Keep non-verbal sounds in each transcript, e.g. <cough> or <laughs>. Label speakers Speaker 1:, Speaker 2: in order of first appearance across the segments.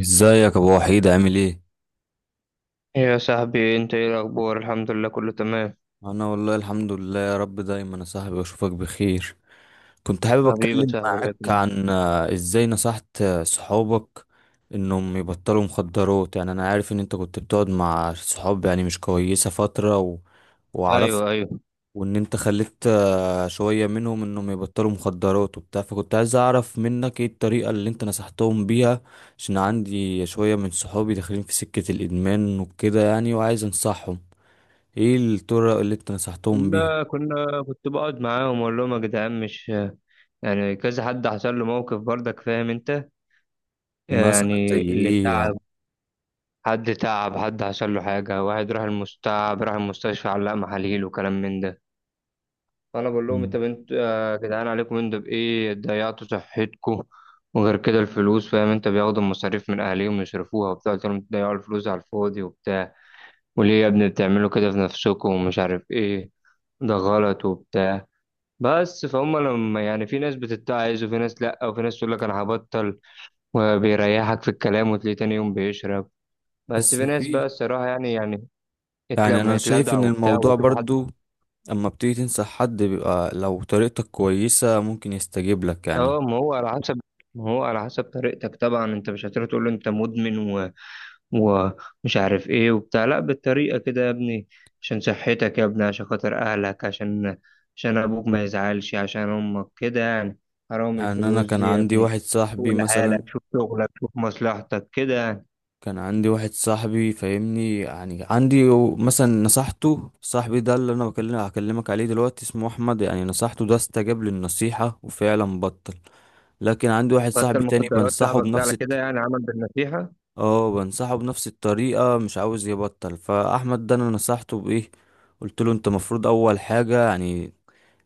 Speaker 1: ازيك يا ابو وحيد؟ عامل ايه؟
Speaker 2: يا صاحبي، انت ايه الاخبار؟ الحمد لله، كله تمام.
Speaker 1: انا والله الحمد لله، يا رب دايما يا صاحبي اشوفك بخير. كنت حابب
Speaker 2: حبيبي يا
Speaker 1: اتكلم
Speaker 2: صاحبي، الله
Speaker 1: معاك
Speaker 2: يكرمك.
Speaker 1: عن ازاي نصحت صحابك انهم يبطلوا مخدرات. يعني انا عارف ان انت كنت بتقعد مع صحاب يعني مش كويسة فترة وعرفت
Speaker 2: ايوه، ايوه.
Speaker 1: وان انت خليت شوية منهم انهم يبطلوا مخدرات وبتاع. فكنت عايز اعرف منك ايه الطريقة اللي انت نصحتهم بيها، عشان عندي شوية من صحابي داخلين في سكة الادمان وكده يعني، وعايز انصحهم ايه الطرق اللي انت نصحتهم بيها.
Speaker 2: كنا كنا كنت بقعد معاهم واقول لهم: يا جدعان، مش يعني كذا حد حصل له موقف؟ برضك فاهم انت،
Speaker 1: مثلا زي
Speaker 2: يعني اللي
Speaker 1: ايه يعني؟
Speaker 2: تعب. حد تعب، حد حصل له حاجه، واحد راح المستشفى، علق محاليل وكلام من ده. فانا بقول لهم: انت
Speaker 1: مم.
Speaker 2: بنت يا جدعان، عليكم، انتوا بايه ضيعتوا صحتكم؟ وغير كده الفلوس، فاهم انت، بياخدوا المصاريف من اهاليهم يصرفوها وبتاع. قلت لهم: تضيعوا الفلوس على الفاضي وبتاع؟ وليه يا ابني بتعملوا كده في نفسكم ومش عارف ايه؟ ده غلط وبتاع. بس فهم، لما يعني في ناس بتتعظ، وفي ناس لا، وفي ناس تقول لك انا هبطل وبيريحك في الكلام، وتلاقيه تاني يوم بيشرب. بس
Speaker 1: بس
Speaker 2: في ناس بقى،
Speaker 1: في
Speaker 2: الصراحة، يعني
Speaker 1: يعني
Speaker 2: لما
Speaker 1: انا شايف
Speaker 2: يتلدع
Speaker 1: ان
Speaker 2: وبتاع
Speaker 1: الموضوع
Speaker 2: ويشوف حد.
Speaker 1: برضو اما بتيجي تنصح حد بيبقى، لو طريقتك كويسة ممكن يستجيب لك يعني.
Speaker 2: اه، ما هو على حسب طريقتك. طبعا انت مش هتروح تقول له: انت مدمن ومش عارف ايه وبتاع. لا، بالطريقة كده يا ابني، عشان صحتك يا ابني، عشان خاطر اهلك، عشان ابوك ما يزعلش، عشان امك كده يعني. حرام
Speaker 1: يعني انا
Speaker 2: الفلوس
Speaker 1: كان
Speaker 2: دي يا
Speaker 1: عندي
Speaker 2: ابني.
Speaker 1: واحد
Speaker 2: شوف
Speaker 1: صاحبي
Speaker 2: لحالك،
Speaker 1: مثلا،
Speaker 2: شوف شغلك، شوف مصلحتك كده يعني.
Speaker 1: كان عندي واحد صاحبي فاهمني، يعني عندي مثلا نصحته. صاحبي ده اللي انا هكلمك عليه دلوقتي اسمه احمد، يعني نصحته ده استجاب للنصيحة وفعلا بطل. لكن عندي واحد
Speaker 2: حتى
Speaker 1: صاحبي تاني
Speaker 2: المخدرات
Speaker 1: بنصحه
Speaker 2: صاحبك ده على
Speaker 1: بنفس
Speaker 2: كده، يعني عمل بالنصيحة.
Speaker 1: اه بنصحه بنفس الطريقة، مش عاوز يبطل. فأحمد ده أنا نصحته بإيه؟ قلت له أنت مفروض أول حاجة، يعني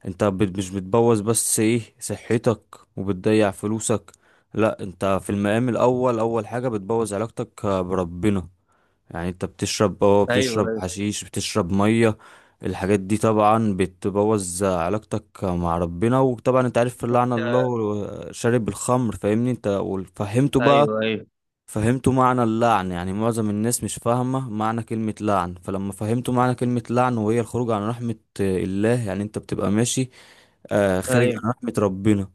Speaker 1: أنت مش بتبوظ بس إيه صحتك وبتضيع فلوسك. لأ، أنت في المقام الأول أول حاجة بتبوظ علاقتك بربنا. يعني أنت بتشرب اه
Speaker 2: ايوه،
Speaker 1: بتشرب
Speaker 2: ايوه.
Speaker 1: حشيش، بتشرب مية. الحاجات دي طبعا بتبوظ علاقتك مع ربنا، وطبعا انت عارف لعن
Speaker 2: وانت.
Speaker 1: الله شارب الخمر، فاهمني انت؟ وفهمته بقى،
Speaker 2: ايوه، ايوه.
Speaker 1: فهمت معنى اللعن. يعني معظم الناس مش فاهمة معنى كلمة لعن، فلما فهمتوا معنى كلمة لعن وهي الخروج عن رحمة الله، يعني انت بتبقى ماشي خارج
Speaker 2: ايوه،
Speaker 1: عن رحمة ربنا.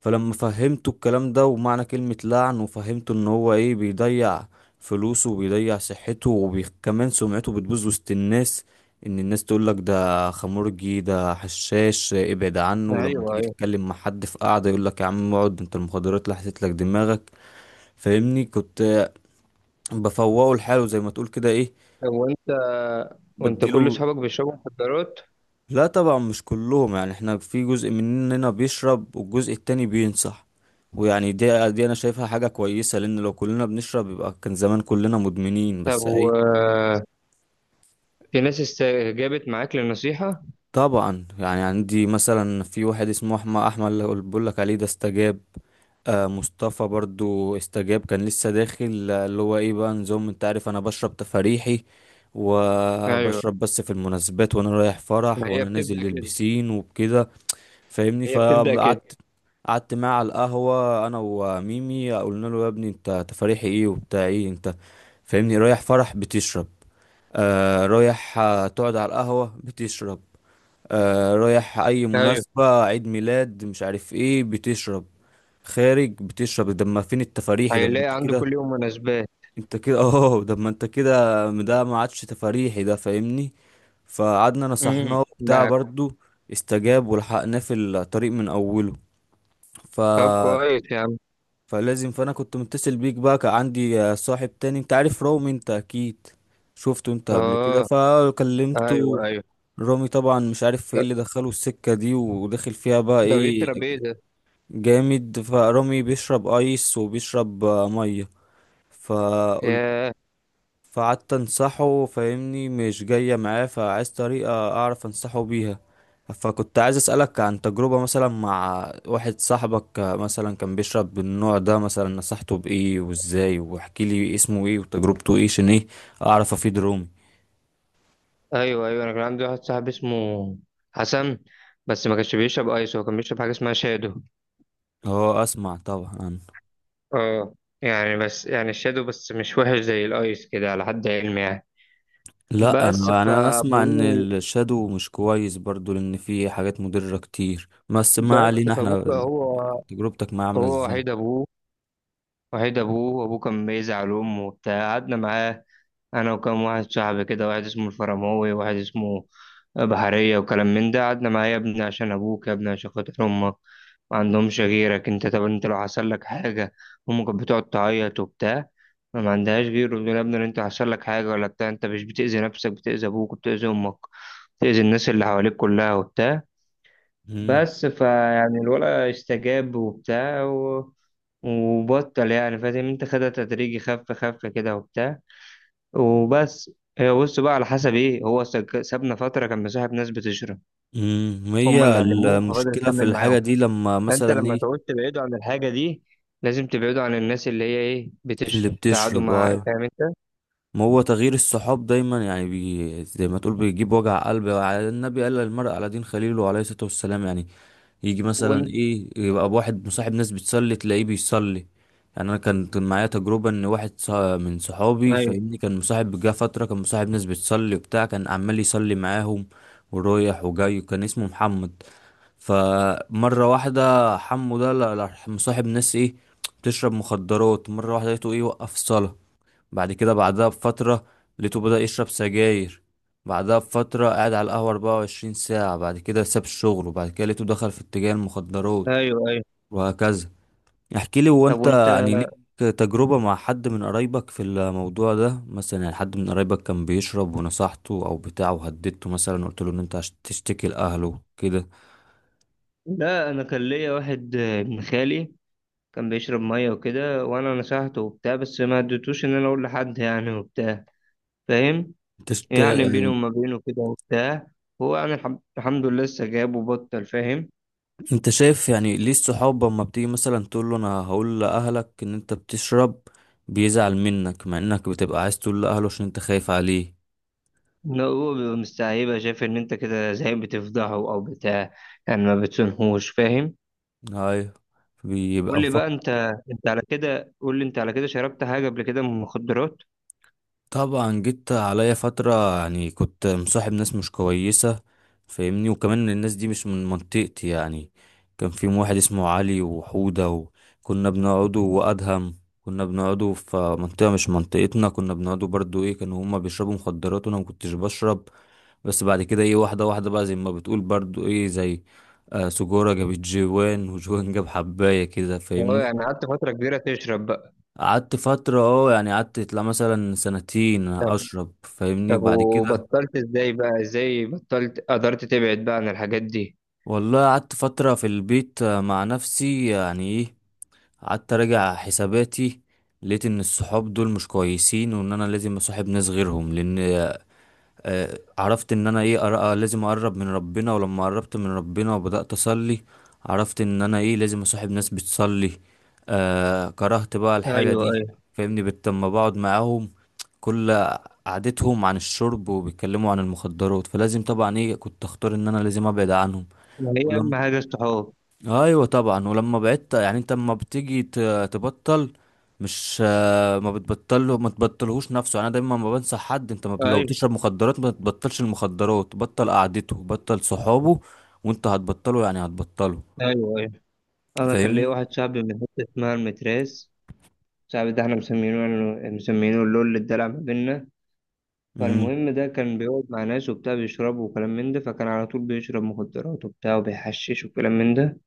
Speaker 1: فلما فهمتوا الكلام ده ومعنى كلمة لعن، وفهمتوا ان هو ايه بيضيع فلوسه وبيضيع صحته، وكمان سمعته بتبوظ وسط الناس، ان الناس تقولك ده خمرجي، ده حشاش، ابعد عنه. ولما
Speaker 2: ايوه.
Speaker 1: تيجي
Speaker 2: ايوه.
Speaker 1: تتكلم مع حد في قعدة يقولك يا عم اقعد انت، المخدرات لحست لك دماغك. فاهمني؟ كنت بفوقه لحاله زي ما تقول كده، ايه
Speaker 2: طب وانت. كل
Speaker 1: بديله.
Speaker 2: اصحابك بيشربوا مخدرات؟
Speaker 1: لا طبعا مش كلهم، يعني احنا في جزء مننا بيشرب والجزء التاني بينصح. ويعني دي انا شايفها حاجة كويسة، لان لو كلنا بنشرب يبقى كان زمان كلنا مدمنين،
Speaker 2: طب
Speaker 1: بس
Speaker 2: و.
Speaker 1: ايه.
Speaker 2: في ناس استجابت معاك للنصيحة؟
Speaker 1: طبعا، يعني عندي مثلا في واحد اسمه احمد اللي بقول لك عليه، ده استجاب. مصطفى برضو استجاب، كان لسه داخل، اللي هو ايه بقى نظام انت عارف، انا بشرب تفاريحي،
Speaker 2: ايوه.
Speaker 1: وبشرب بس في المناسبات، وانا رايح فرح،
Speaker 2: ما هي
Speaker 1: وانا نازل
Speaker 2: بتبدأ كده،
Speaker 1: للبسين وبكده. فاهمني؟
Speaker 2: هي بتبدأ كده.
Speaker 1: قعدت معاه على القهوة انا وميمي، قلنا له يا ابني انت تفاريحي ايه وبتاع، ايه انت فاهمني رايح فرح بتشرب، رايح تقعد على القهوة بتشرب، رايح اي
Speaker 2: ايوه.
Speaker 1: مناسبة، عيد ميلاد مش عارف ايه بتشرب، خارج بتشرب. ده ما فين التفاريحي ده، ما
Speaker 2: هيلاقي
Speaker 1: انت
Speaker 2: عنده
Speaker 1: كده،
Speaker 2: كل يوم مناسبات.
Speaker 1: انت كده <laughs> ده ما انت كده، ده ما عادش تفاريحي ده فاهمني. فقعدنا نصحناه وبتاع،
Speaker 2: ده.
Speaker 1: برضو استجاب ولحقناه في الطريق من اوله. ف
Speaker 2: طب كويس يا عم.
Speaker 1: فلازم. فانا كنت متصل بيك بقى، كان عندي صاحب تاني، انت عارف رامي، انت اكيد شفته انت قبل كده.
Speaker 2: اه. ايوه،
Speaker 1: فكلمته،
Speaker 2: ايوه.
Speaker 1: رامي طبعا مش عارف ايه
Speaker 2: ده
Speaker 1: اللي دخله السكة دي، وداخل فيها بقى ايه
Speaker 2: بيشرب ايه ده؟
Speaker 1: جامد. فرامي بيشرب ايس وبيشرب مية. فقلت
Speaker 2: ياه.
Speaker 1: فقعدت انصحه فاهمني مش جاية معاه، فعايز طريقة اعرف انصحه بيها. فكنت عايز اسألك عن تجربة مثلا مع واحد صاحبك مثلا كان بيشرب بالنوع ده مثلا، نصحته بايه وازاي، واحكي لي اسمه ايه وتجربته ايه، عشان ايه اعرف افيد رومي.
Speaker 2: ايوه، ايوه، انا كان عندي واحد صاحبي اسمه حسن. بس ما كانش بيشرب ايس، هو كان بيشرب حاجه اسمها شادو.
Speaker 1: اه، اسمع طبعا عنه.
Speaker 2: اه. يعني بس، يعني الشادو بس مش وحش زي الايس كده، على حد علمي يعني.
Speaker 1: لا،
Speaker 2: بس
Speaker 1: انا اسمع ان
Speaker 2: فابوه
Speaker 1: الشادو مش كويس برضو، لان فيه حاجات مضرة كتير، بس ما علينا
Speaker 2: بس فابوه بقى،
Speaker 1: احنا.
Speaker 2: هو
Speaker 1: تجربتك معاه عاملة
Speaker 2: هو
Speaker 1: ازاي؟
Speaker 2: وحيد ابوه، وابوه كان بيزعل امه وبتاع. قعدنا معاه انا وكم واحد صاحبي كده، واحد اسمه الفرماوي وواحد اسمه بحرية وكلام من ده. قعدنا معاه: يا ابني عشان ابوك، يا ابني عشان خاطر امك، ما عندهمش غيرك انت، طب انت لو حصل لك حاجة؟ امك كانت بتقعد تعيط وبتاع، ما عندهاش غيره، بتقول: يا ابني لو انت حصل لك حاجة ولا بتاع، انت مش بتأذي نفسك، بتأذي ابوك وبتأذي امك، بتأذي الناس اللي حواليك كلها وبتاع. بس فيعني الولد استجاب وبتاع و. وبطل يعني، فاهم انت، خدها تدريجي، خف خف كده وبتاع. وبس. هي بص بقى على حسب ايه، هو سابنا فتره، كان مصاحب ناس بتشرب، هم
Speaker 1: هي
Speaker 2: اللي علموه فبدأ
Speaker 1: المشكلة في
Speaker 2: يكمل
Speaker 1: الحاجة
Speaker 2: معاهم.
Speaker 1: دي لما
Speaker 2: فانت
Speaker 1: مثلا
Speaker 2: لما
Speaker 1: ايه.
Speaker 2: تعوز تبعده عن الحاجه دي، لازم تبعده عن الناس اللي هي ايه
Speaker 1: اللي
Speaker 2: بتشرب تقعدوا
Speaker 1: بتشرب،
Speaker 2: مع،
Speaker 1: اه.
Speaker 2: فاهم انت.
Speaker 1: ما هو تغيير الصحاب دايما يعني زي ما تقول بيجيب وجع قلب، على النبي، قال المرء على دين خليله عليه الصلاة والسلام يعني. يجي مثلا
Speaker 2: وانت.
Speaker 1: ايه، يبقى واحد مصاحب ناس بتصلي تلاقيه بيصلي. يعني انا كان معايا تجربة ان واحد من صحابي
Speaker 2: ايوه،
Speaker 1: فاهمني، كان مصاحب جه فترة، كان مصاحب ناس بتصلي وبتاع، كان عمال يصلي معاهم ورايح وجاي، وكان اسمه محمد. فمرة واحدة حمو ده لا، مصاحب ناس ايه، بتشرب مخدرات. مرة واحدة لقيته ايه وقف صلاة، بعدها بفترة لقيته بدأ يشرب سجاير، بعدها بفترة قاعد على القهوة 24 ساعة، بعد كده ساب الشغل، وبعد كده لقيته دخل في اتجاه المخدرات
Speaker 2: ايوه، ايوه.
Speaker 1: وهكذا. احكي لي، هو
Speaker 2: طب
Speaker 1: انت
Speaker 2: وانت.
Speaker 1: يعني ليك تجربة مع حد من قرايبك في الموضوع ده مثلا؟ يعني حد من قرايبك كان بيشرب ونصحته او بتاعه، وهددته مثلا، قلت له ان انت هتشتكي لأهله كده.
Speaker 2: لا، انا كان ليا واحد ابن خالي كان بيشرب ميه وكده، وانا نصحته وبتاع، بس ما اديتوش ان انا اقول لحد يعني وبتاع، فاهم. يعني بيني
Speaker 1: يعني
Speaker 2: وما بينه كده وبتاع. هو يعني الحمد لله لسه جاب وبطل، فاهم.
Speaker 1: انت شايف يعني ليه الصحاب اما بتيجي مثلا تقول له انا هقول لاهلك ان انت بتشرب بيزعل منك، مع انك بتبقى عايز تقول لاهله عشان انت خايف عليه.
Speaker 2: لا، هو بيبقى مستعيبة، شايف إن أنت كده زي بتفضحه أو بتاع، يعني ما بتسنهوش، فاهم.
Speaker 1: ايوه، بيبقى
Speaker 2: قول لي
Speaker 1: مفكر.
Speaker 2: بقى أنت. أنت على كده قول لي أنت على كده شربت حاجة قبل كده من المخدرات؟
Speaker 1: طبعا جيت عليا فترة يعني كنت مصاحب ناس مش كويسة فاهمني، وكمان الناس دي مش من منطقتي يعني. كان في واحد اسمه علي وحودة، وكنا بنقعدوا وادهم. كنا بنقعدوا في منطقة مش منطقتنا، كنا بنقعدوا برضو ايه، كانوا هما بيشربوا مخدرات وانا ما كنتش بشرب. بس بعد كده ايه، واحدة واحدة بقى زي ما بتقول برضو، ايه زي سجورة جابت جوان وجوان جاب حباية كده
Speaker 2: أه،
Speaker 1: فاهمني.
Speaker 2: يعني قعدت فترة كبيرة تشرب بقى؟
Speaker 1: قعدت فترة يعني قعدت، لا مثلا سنتين
Speaker 2: طب،
Speaker 1: أشرب فاهمني،
Speaker 2: طب،
Speaker 1: وبعد كده
Speaker 2: وبطلت إزاي بطلت قدرت تبعد بقى عن الحاجات دي؟
Speaker 1: والله قعدت فترة في البيت، مع نفسي يعني ايه، قعدت أراجع حساباتي. لقيت إن الصحاب دول مش كويسين، وإن أنا لازم أصاحب ناس غيرهم، لأن عرفت ان انا ايه لازم اقرب من ربنا. ولما قربت من ربنا وبدأت اصلي عرفت ان انا ايه لازم اصاحب ناس بتصلي. كرهت بقى الحاجة
Speaker 2: أيوه،
Speaker 1: دي
Speaker 2: أيوه.
Speaker 1: فاهمني. لما بقعد معاهم كل قعدتهم عن الشرب وبيتكلموا عن المخدرات، فلازم طبعا ايه كنت اختار ان انا لازم ابعد عنهم.
Speaker 2: ما هي
Speaker 1: ولما
Speaker 2: أهم حاجة الصحاب.
Speaker 1: ايوه طبعا. ولما بعدت يعني، انت لما بتيجي تبطل مش، ما بتبطله، ما تبطلهوش نفسه. انا دايما ما بنصح حد انت، ما لو
Speaker 2: أيوه،
Speaker 1: بتشرب مخدرات ما تبطلش المخدرات، بطل قعدته، بطل صحابه، وانت هتبطله يعني هتبطله
Speaker 2: أيوه، أيوه. أنا كان ليا
Speaker 1: فاهمني.
Speaker 2: واحد صاحبي من حتة اسمها المتراس. صاحبي ده احنا مسمينه مسمينه اللول، اللي اتدلع ما بينا.
Speaker 1: امم
Speaker 2: فالمهم، ده كان بيقعد مع ناس وبتاع بيشربوا وكلام من ده، فكان على طول بيشرب مخدرات وبتاع وبيحشش وكلام من ده.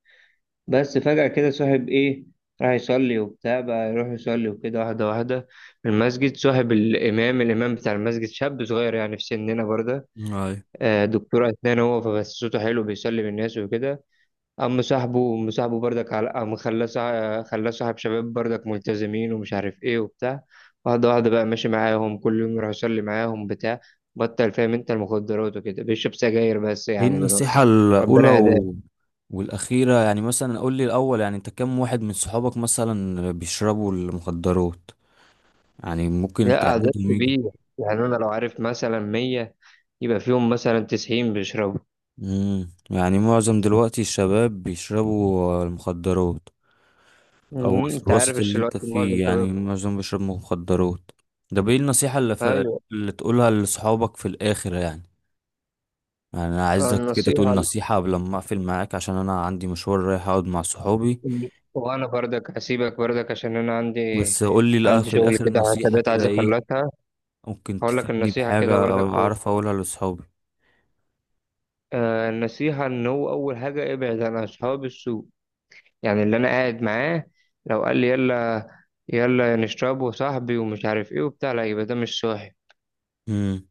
Speaker 2: بس فجأة كده صاحب إيه، راح يصلي وبتاع، بقى يروح يصلي وكده، واحدة واحدة، في المسجد صاحب الإمام بتاع المسجد، شاب صغير يعني في سننا برضه،
Speaker 1: ايوه.
Speaker 2: دكتور أسنان هو، فبس صوته حلو، بيصلي بالناس وكده. قام صاحبه بردك، على قام خلاه صاحب شباب بردك ملتزمين ومش عارف ايه وبتاع. واحدة واحدة بقى ماشي معاهم، كل يوم يروح يصلي معاهم بتاع، بطل فاهم انت المخدرات وكده، بيشرب سجاير بس
Speaker 1: ايه
Speaker 2: يعني دلوقتي.
Speaker 1: النصيحة الاولى
Speaker 2: ربنا <laughs> هداه.
Speaker 1: والاخيرة يعني، مثلا قول لي الاول يعني، انت كم واحد من صحابك مثلا بيشربوا المخدرات، يعني ممكن
Speaker 2: لا،
Speaker 1: انت
Speaker 2: عدد
Speaker 1: عددهم يجي.
Speaker 2: كبير. يعني انا لو عارف مثلا 100، يبقى فيهم مثلا 90 بيشربوا.
Speaker 1: يعني معظم دلوقتي الشباب بيشربوا المخدرات؟ او
Speaker 2: انت عارف
Speaker 1: الوسط اللي
Speaker 2: الوقت
Speaker 1: انت فيه
Speaker 2: معظم شباب.
Speaker 1: يعني معظم بيشرب مخدرات؟ ده بايه النصيحة اللي،
Speaker 2: ايوه،
Speaker 1: اللي تقولها لصحابك في الاخر يعني؟ يعني انا عايزك كده تقول
Speaker 2: النصيحة.
Speaker 1: نصيحة قبل ما اقفل معاك، عشان انا عندي مشوار رايح اقعد مع صحابي.
Speaker 2: وانا بردك هسيبك بردك، عشان انا
Speaker 1: بس قول لي، لأ،
Speaker 2: عندي
Speaker 1: في
Speaker 2: شغل
Speaker 1: الاخر
Speaker 2: كده،
Speaker 1: نصيحة
Speaker 2: حسابات
Speaker 1: كده
Speaker 2: عايز
Speaker 1: ايه
Speaker 2: اخلصها.
Speaker 1: ممكن
Speaker 2: هقول لك
Speaker 1: تفيدني
Speaker 2: النصيحة كده
Speaker 1: بحاجة او
Speaker 2: برضك، هو.
Speaker 1: اعرف اقولها لصحابي.
Speaker 2: النصيحة إن هو أول حاجة ابعد عن أصحاب السوء. يعني اللي أنا قاعد معاه لو قال لي يلا، يلا نشرب وصاحبي ومش عارف إيه وبتاع، لا، يبقى ده مش صاحب.
Speaker 1: امم.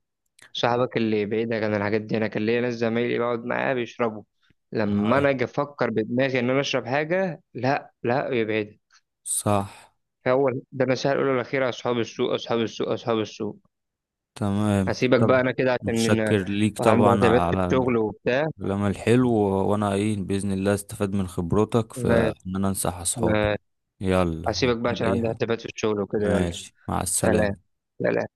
Speaker 2: صاحبك اللي بعيدك عن الحاجات دي. أنا كان ليا ناس زمايلي بقعد معاه بيشربوا، لما
Speaker 1: هاي.
Speaker 2: أنا أجي أفكر بدماغي إن أنا أشرب حاجة، لا لا، يبعد.
Speaker 1: صح.
Speaker 2: هو ده النصيحة الأولى والأخيرة: أصحاب السوء، أصحاب السوء، أصحاب السوء.
Speaker 1: تمام.
Speaker 2: هسيبك بقى
Speaker 1: طب،
Speaker 2: أنا كده،
Speaker 1: متشكر ليك
Speaker 2: عندي
Speaker 1: طبعا
Speaker 2: حسابات في
Speaker 1: على
Speaker 2: الشغل وبتاع.
Speaker 1: كلام الحلو، وانا ايه باذن الله استفاد من خبرتك في
Speaker 2: ما-
Speaker 1: ان انا انصح اصحابي.
Speaker 2: ما-
Speaker 1: يلا،
Speaker 2: هسيبك بقى
Speaker 1: محتاج
Speaker 2: عشان
Speaker 1: اي
Speaker 2: عندي
Speaker 1: حاجه؟
Speaker 2: حسابات في الشغل وكده، يلا.
Speaker 1: ماشي، مع
Speaker 2: سلام.
Speaker 1: السلامه.
Speaker 2: سلام.